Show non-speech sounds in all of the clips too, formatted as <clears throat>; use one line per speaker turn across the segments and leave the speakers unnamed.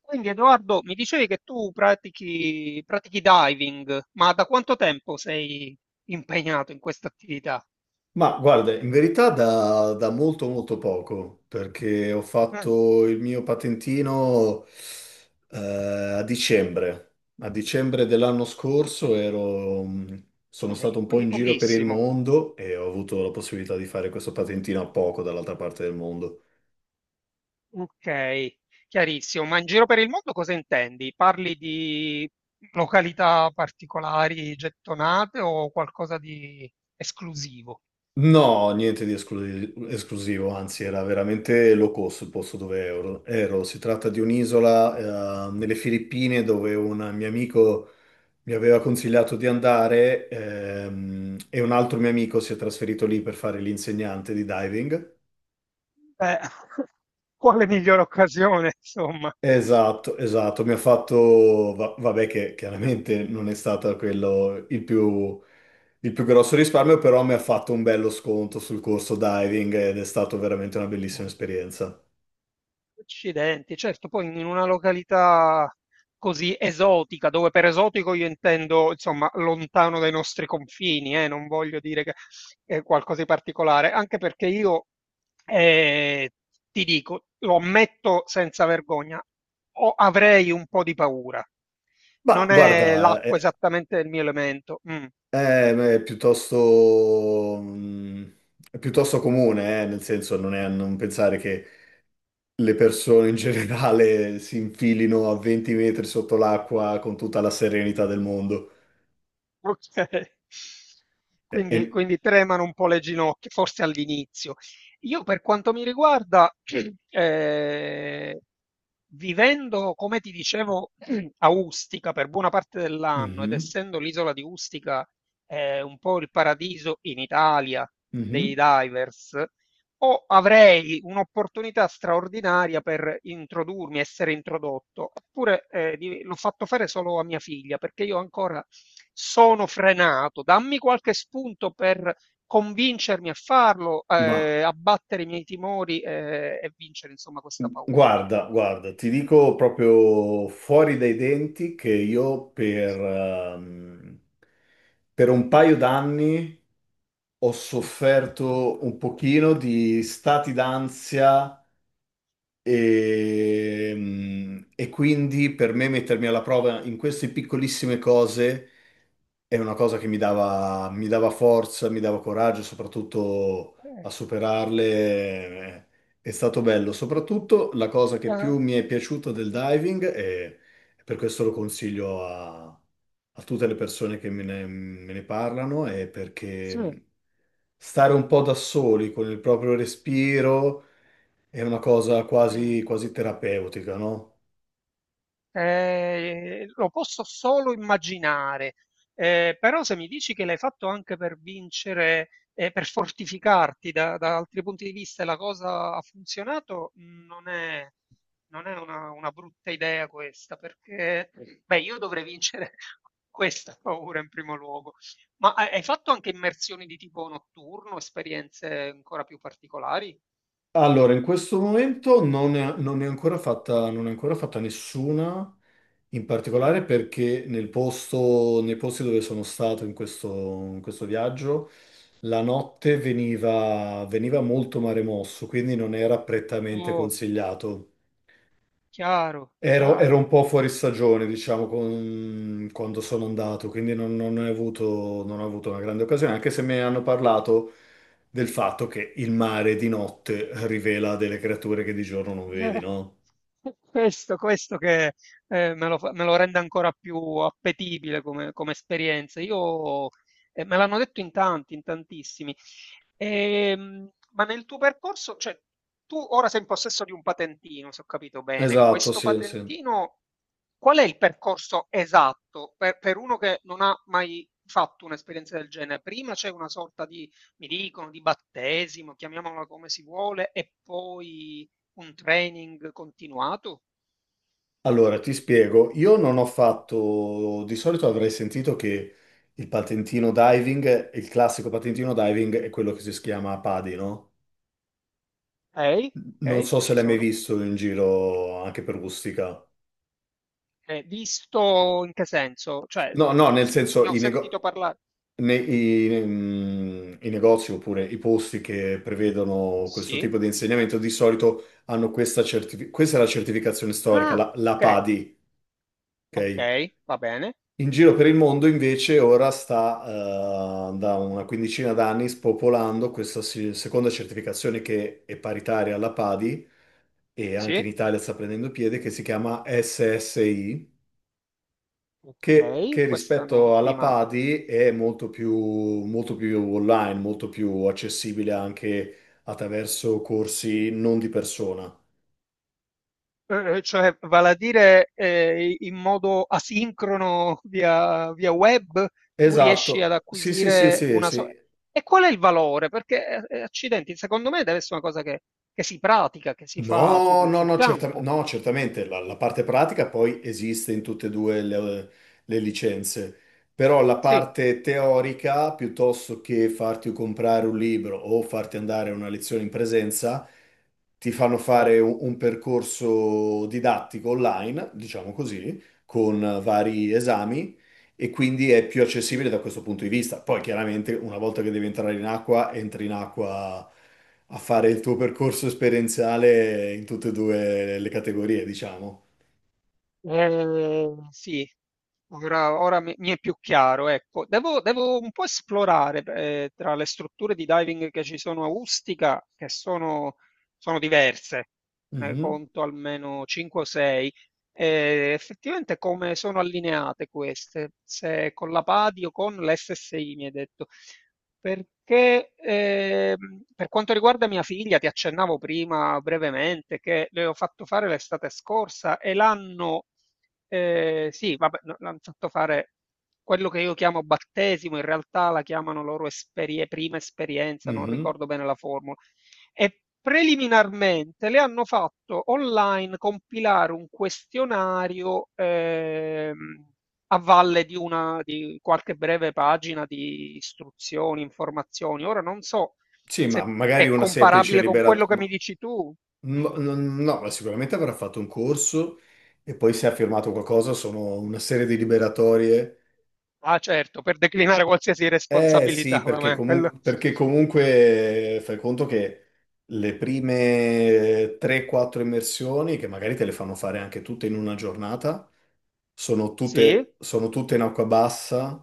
Quindi Edoardo, mi dicevi che tu pratichi diving, ma da quanto tempo sei impegnato in questa attività?
Ma guarda, in verità da molto molto poco, perché ho
Mm,
fatto il mio patentino eh, a dicembre. A dicembre dell'anno
sì,
scorso sono stato
ok,
un po'
quindi
in giro per il
pochissimo.
mondo e ho avuto la possibilità di fare questo patentino a poco dall'altra parte del mondo.
Ok, chiarissimo. Ma in giro per il mondo cosa intendi? Parli di località particolari gettonate o qualcosa di esclusivo?
No, niente di esclusivo, anzi era veramente low cost il posto dove ero. Si tratta di un'isola nelle Filippine dove un mio amico mi aveva consigliato di andare e un altro mio amico si è trasferito lì per fare l'insegnante di diving.
Beh, <laughs> quale migliore occasione, insomma?
Esatto, esatto, mi ha fatto, va- vabbè che chiaramente non è stato quello il più grosso risparmio, però mi ha fatto un bello sconto sul corso diving ed è stata veramente una bellissima esperienza.
Accidenti, certo, poi in una località così esotica, dove per esotico io intendo, insomma, lontano dai nostri confini, non voglio dire che è qualcosa di particolare, anche perché io eh, ti dico, lo ammetto senza vergogna, avrei un po' di paura.
Ma
Non è
guarda,
l'acqua esattamente il mio elemento. Mm.
è- è piuttosto, mm, è piuttosto comune, nel senso non è a non pensare che le persone in generale si infilino a 20 metri sotto l'acqua con tutta la serenità del mondo.
Okay.
E-
Quindi
e-
quindi tremano un po' le ginocchia, forse all'inizio. Io per quanto mi riguarda, <clears throat> ehm, vivendo, come ti dicevo, <clears throat> a Ustica per buona parte dell'anno ed
Mhm,
essendo l'isola di Ustica, un po' il paradiso in Italia dei
mhm.
divers o avrei un'opportunità straordinaria per introdurmi, essere introdotto, oppure l'ho fatto fare solo a mia figlia perché io ancora sono frenato. Dammi qualche spunto per convincermi a farlo,
Ma
abbattere i miei timori e vincere, insomma, questa paura.
guarda, guarda, ti dico proprio fuori dai denti che io ehm, per un paio d'anni ho sofferto un pochino di stati d'ansia. E quindi per me mettermi alla prova in queste piccolissime cose è una cosa che mi dava forza, mi dava coraggio, soprattutto a
Eh,
superarle. eh, È stato bello.
quindi ti-
Soprattutto la cosa
ti
che
ha-
più mi è piaciuta del diving, e per questo lo consiglio a tutte le persone che me ne parlano, è perché
sì.
stare un po' da soli con il proprio respiro è una cosa quasi,
Mm.
quasi terapeutica, no?
Lo posso solo immaginare. Però se mi dici che l'hai fatto anche per vincere, per fortificarti da altri punti di vista e la cosa ha funzionato, non è una brutta idea questa, perché beh, io dovrei vincere <laughs> questa paura in primo luogo. Ma hai fatto anche immersioni di tipo notturno, esperienze ancora più particolari?
Allora, in questo momento non ne è ancora fatta, non ne è ancora fatta nessuna, in
Mm.
particolare perché nel posto, nei posti dove sono stato in questo viaggio, la notte veniva molto mare mosso, quindi non era prettamente
Oh,
consigliato.
chiaro,
Ero
chiaro.
un po' fuori stagione, diciamo, quando sono andato, quindi non ho avuto una grande occasione, anche se mi hanno parlato del fatto che il mare di notte rivela delle creature che di giorno non vedi,
Eh,
no?
questo che me lo rende ancora più appetibile come esperienza. Io, me l'hanno detto in tanti, in tantissimi. Ma nel tuo percorso, cioè, tu ora sei in possesso di un patentino, se ho capito bene.
Esatto,
Questo
sì, sì.
patentino, qual è il percorso esatto per uno che non ha mai fatto un'esperienza del genere? Prima c'è una sorta di, mi dicono, di battesimo, chiamiamola come si vuole, e poi un training continuato?
Allora, ti spiego, io non ho fatto, di solito avrei sentito che il patentino diving, il classico patentino diving è quello che si chiama PADI, no?
Ok.
Non
Ok,
so se
ci
l'hai mai
sono.
visto in giro anche per Ustica.
Visto in che senso? Cioè,
No,
beh,
no,
beh,
nel senso
ne ho
i,
sentito
nego-
parlare.
ne- i- mm, i negozi oppure i posti che prevedono questo
Sì.
tipo di insegnamento di solito hanno questa certificazione, questa è la certificazione storica,
Ah,
la
ok,
PADI,
ok,
ok?
va bene.
In giro per il mondo invece ora sta da una quindicina d'anni spopolando questa seconda certificazione che è paritaria alla PADI e anche
Sì,
in Italia sta prendendo piede, che si chiama SSI. Che
ok. Questa
rispetto
no, mi
alla
manca.
Padi è molto più online, molto più accessibile anche attraverso corsi non di persona.
Cioè, vale a dire in modo asincrono via, web, tu riesci ad
Esatto, sì, sì, sì,
acquisire
sì,
una sorta.
sì.
E qual è il valore? Perché, accidenti, secondo me deve essere una cosa che si pratica, che si fa
No,
sul
no,
sul
no,
campo.
no, certamente la parte pratica poi esiste in tutte e due le licenze, però la
Sì,
parte teorica, piuttosto che farti comprare un libro o farti andare a una lezione in presenza, ti fanno
hai
fare un percorso didattico online, diciamo così, con vari esami e quindi è più accessibile da
capito.
questo punto di vista. Poi chiaramente una volta che devi entrare in acqua, entri in acqua a fare il tuo percorso esperienziale in tutte e due le categorie, diciamo.
Sì, ora, ora mi è più chiaro, ecco. Devo un po' esplorare tra le strutture di diving che ci sono a Ustica, che sono diverse, ne
Mhm.
conto almeno 5 o 6, effettivamente come sono allineate queste, se con la PADI o con l'SSI mi hai detto. Perché, per quanto riguarda mia figlia, ti accennavo prima brevemente che le ho fatto fare l'estate scorsa e l'hanno, sì, vabbè, no, l'hanno fatto fare quello che io chiamo battesimo, in realtà la chiamano loro prima esperienza, non
Mhm.
ricordo bene la formula. E preliminarmente le hanno fatto online compilare un questionario, a valle di qualche breve pagina di istruzioni, informazioni. Ora non so
Sì, ma
se
magari
è
una semplice
comparabile con
liberato.
quello che mi
No,
dici tu.
no,
Mm.
no, ma sicuramente avrà fatto un corso e poi se ha firmato qualcosa sono una serie di liberatorie.
Ah, certo, per declinare qualsiasi
Eh
responsabilità,
sì, perché
vabbè, quello
comunque, perché comunque fai conto che le prime 3-4 immersioni, che magari te le fanno fare anche tutte in una giornata,
sì, è
sono tutte in acqua bassa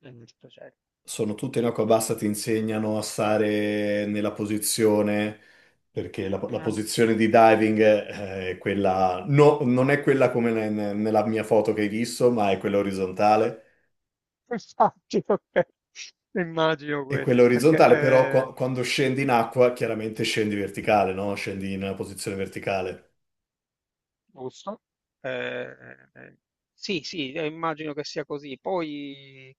giusto, certo.
sono tutte in acqua bassa, ti insegnano a stare nella posizione, perché la
Mm.
posizione di diving è quella, no, non è quella come nella mia foto che hai visto, ma è quella orizzontale.
<laughs> Immagino, ok. Immagino
E
questo,
quella
perché
orizzontale, però, quando scendi in acqua, chiaramente scendi verticale, no? Scendi in una posizione verticale.
giusto. Eh, eh, sì, sì, immagino che sia così. Poi,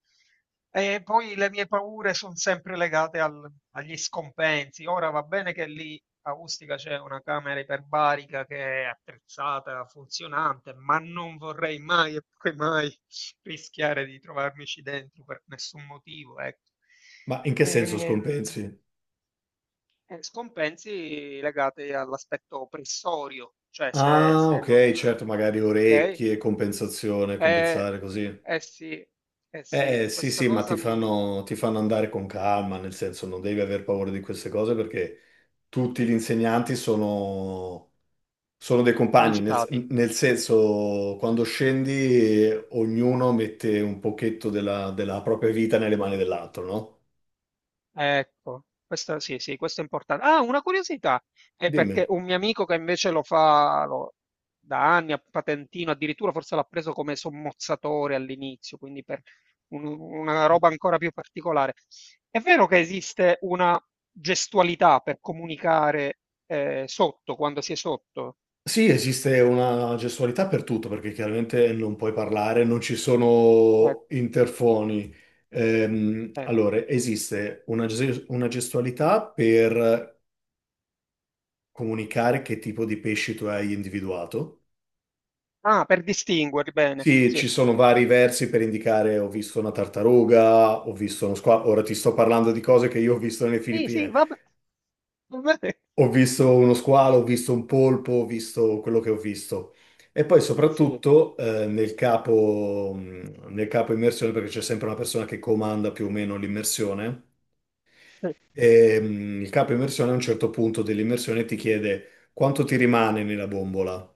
e poi le mie paure sono sempre legate agli scompensi. Ora va bene che lì a Ustica c'è una camera iperbarica che è attrezzata, funzionante, ma non vorrei mai e poi mai <laughs> rischiare di trovarmici dentro per nessun motivo, ecco.
Ma in che senso scompensi?
Ehm, Scompensi legati all'aspetto pressorio, cioè se,
Ah,
se
ok,
non...
certo, magari
Ok?
orecchie, compensazione,
Eh,
compensare così.
eh sì, eh sì,
Eh sì,
questa
sì, ma ti
cosa mi...
fanno, ti fanno andare con calma, nel senso non devi aver paura di queste cose perché tutti gli insegnanti sono dei compagni, nel,
Qualificati.
nel senso quando scendi ognuno mette un pochetto della propria vita nelle mani dell'altro, no?
Ecco, questo sì, sì, questo è importante. Ah, una curiosità, è
Dimmi.
perché un mio amico che invece lo fa da anni a patentino, addirittura forse l'ha preso come sommozzatore all'inizio, quindi per una roba ancora più particolare. È vero che esiste una gestualità per comunicare sotto, quando si è sotto?
Sì, esiste una gestualità per tutto perché chiaramente non puoi parlare, non ci
Ecco,
sono interfoni.
ecco.
Allora, esiste una gestualità per comunicare che tipo di pesci tu hai individuato.
Ah, per distinguerli, bene,
Sì,
sì.
ci sono vari versi per indicare ho visto una tartaruga, ho visto uno squalo, ora ti sto parlando di cose che io ho visto nelle
Sì, sì,
Filippine.
vabbè. <laughs> Vabbè,
Ho visto uno squalo, ho visto un polpo, ho visto quello che ho visto. E poi
sì.
soprattutto nel capo immersione, perché c'è sempre una persona che comanda più o meno l'immersione, e il capo immersione a un certo punto dell'immersione ti chiede quanto ti rimane nella bombola.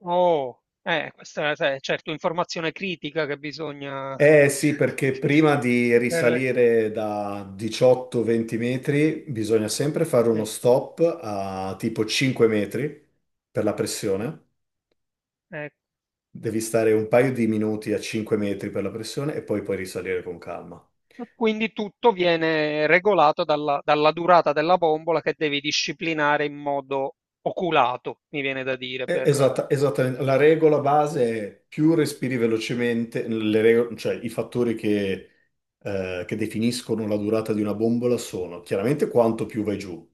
Oh, questa è sai, certo informazione critica che bisogna
Eh sì, perché
<laughs>
prima di
saper-
risalire da 18-20 metri bisogna sempre fare uno
eh,
stop a tipo 5 metri per la
eh,
pressione.
eh.
Devi stare un paio di minuti a 5 metri per la pressione e poi puoi risalire con calma.
E quindi tutto viene regolato dalla, durata della bombola che devi disciplinare in modo oculato, mi viene da dire, per
Esatta, esattamente. La regola base è più respiri velocemente, cioè i fattori che definiscono la durata di una bombola sono chiaramente quanto più vai giù.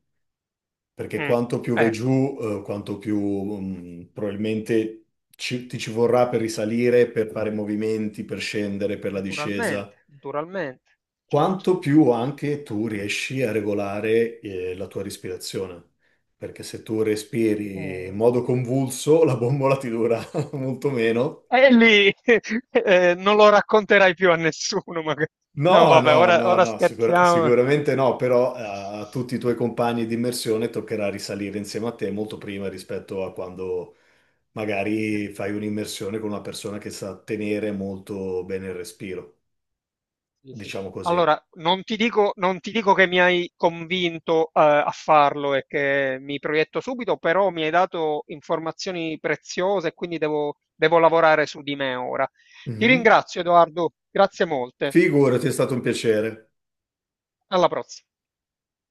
Perché
eh, mm,
quanto più vai
ecco,
giù, quanto più probabilmente ti ci vorrà per risalire, per fare movimenti, per scendere, per la discesa,
naturalmente, naturalmente, certo.
quanto più anche tu riesci a regolare, la tua respirazione. Perché se tu respiri in
Oh.
modo convulso, <laughs> la bombola ti dura <laughs> molto meno.
E lì <laughs> non lo racconterai più a nessuno, magari. No,
No,
vabbè,
no,
ora
no,
ora
no,
scherziamo.
sicuramente no, però a tutti i tuoi compagni di immersione toccherà risalire insieme a te molto prima rispetto a quando
Eh,
magari fai un'immersione con una persona che sa tenere molto bene il respiro,
sì, sì.
diciamo così.
Allora, non ti dico, non ti dico che mi hai convinto, a farlo e che mi proietto subito, però mi hai dato informazioni preziose e quindi devo lavorare su di me ora. Ti
Mhm.
ringrazio, Edoardo, grazie molte.
Figurati, è stato un piacere.
Alla prossima.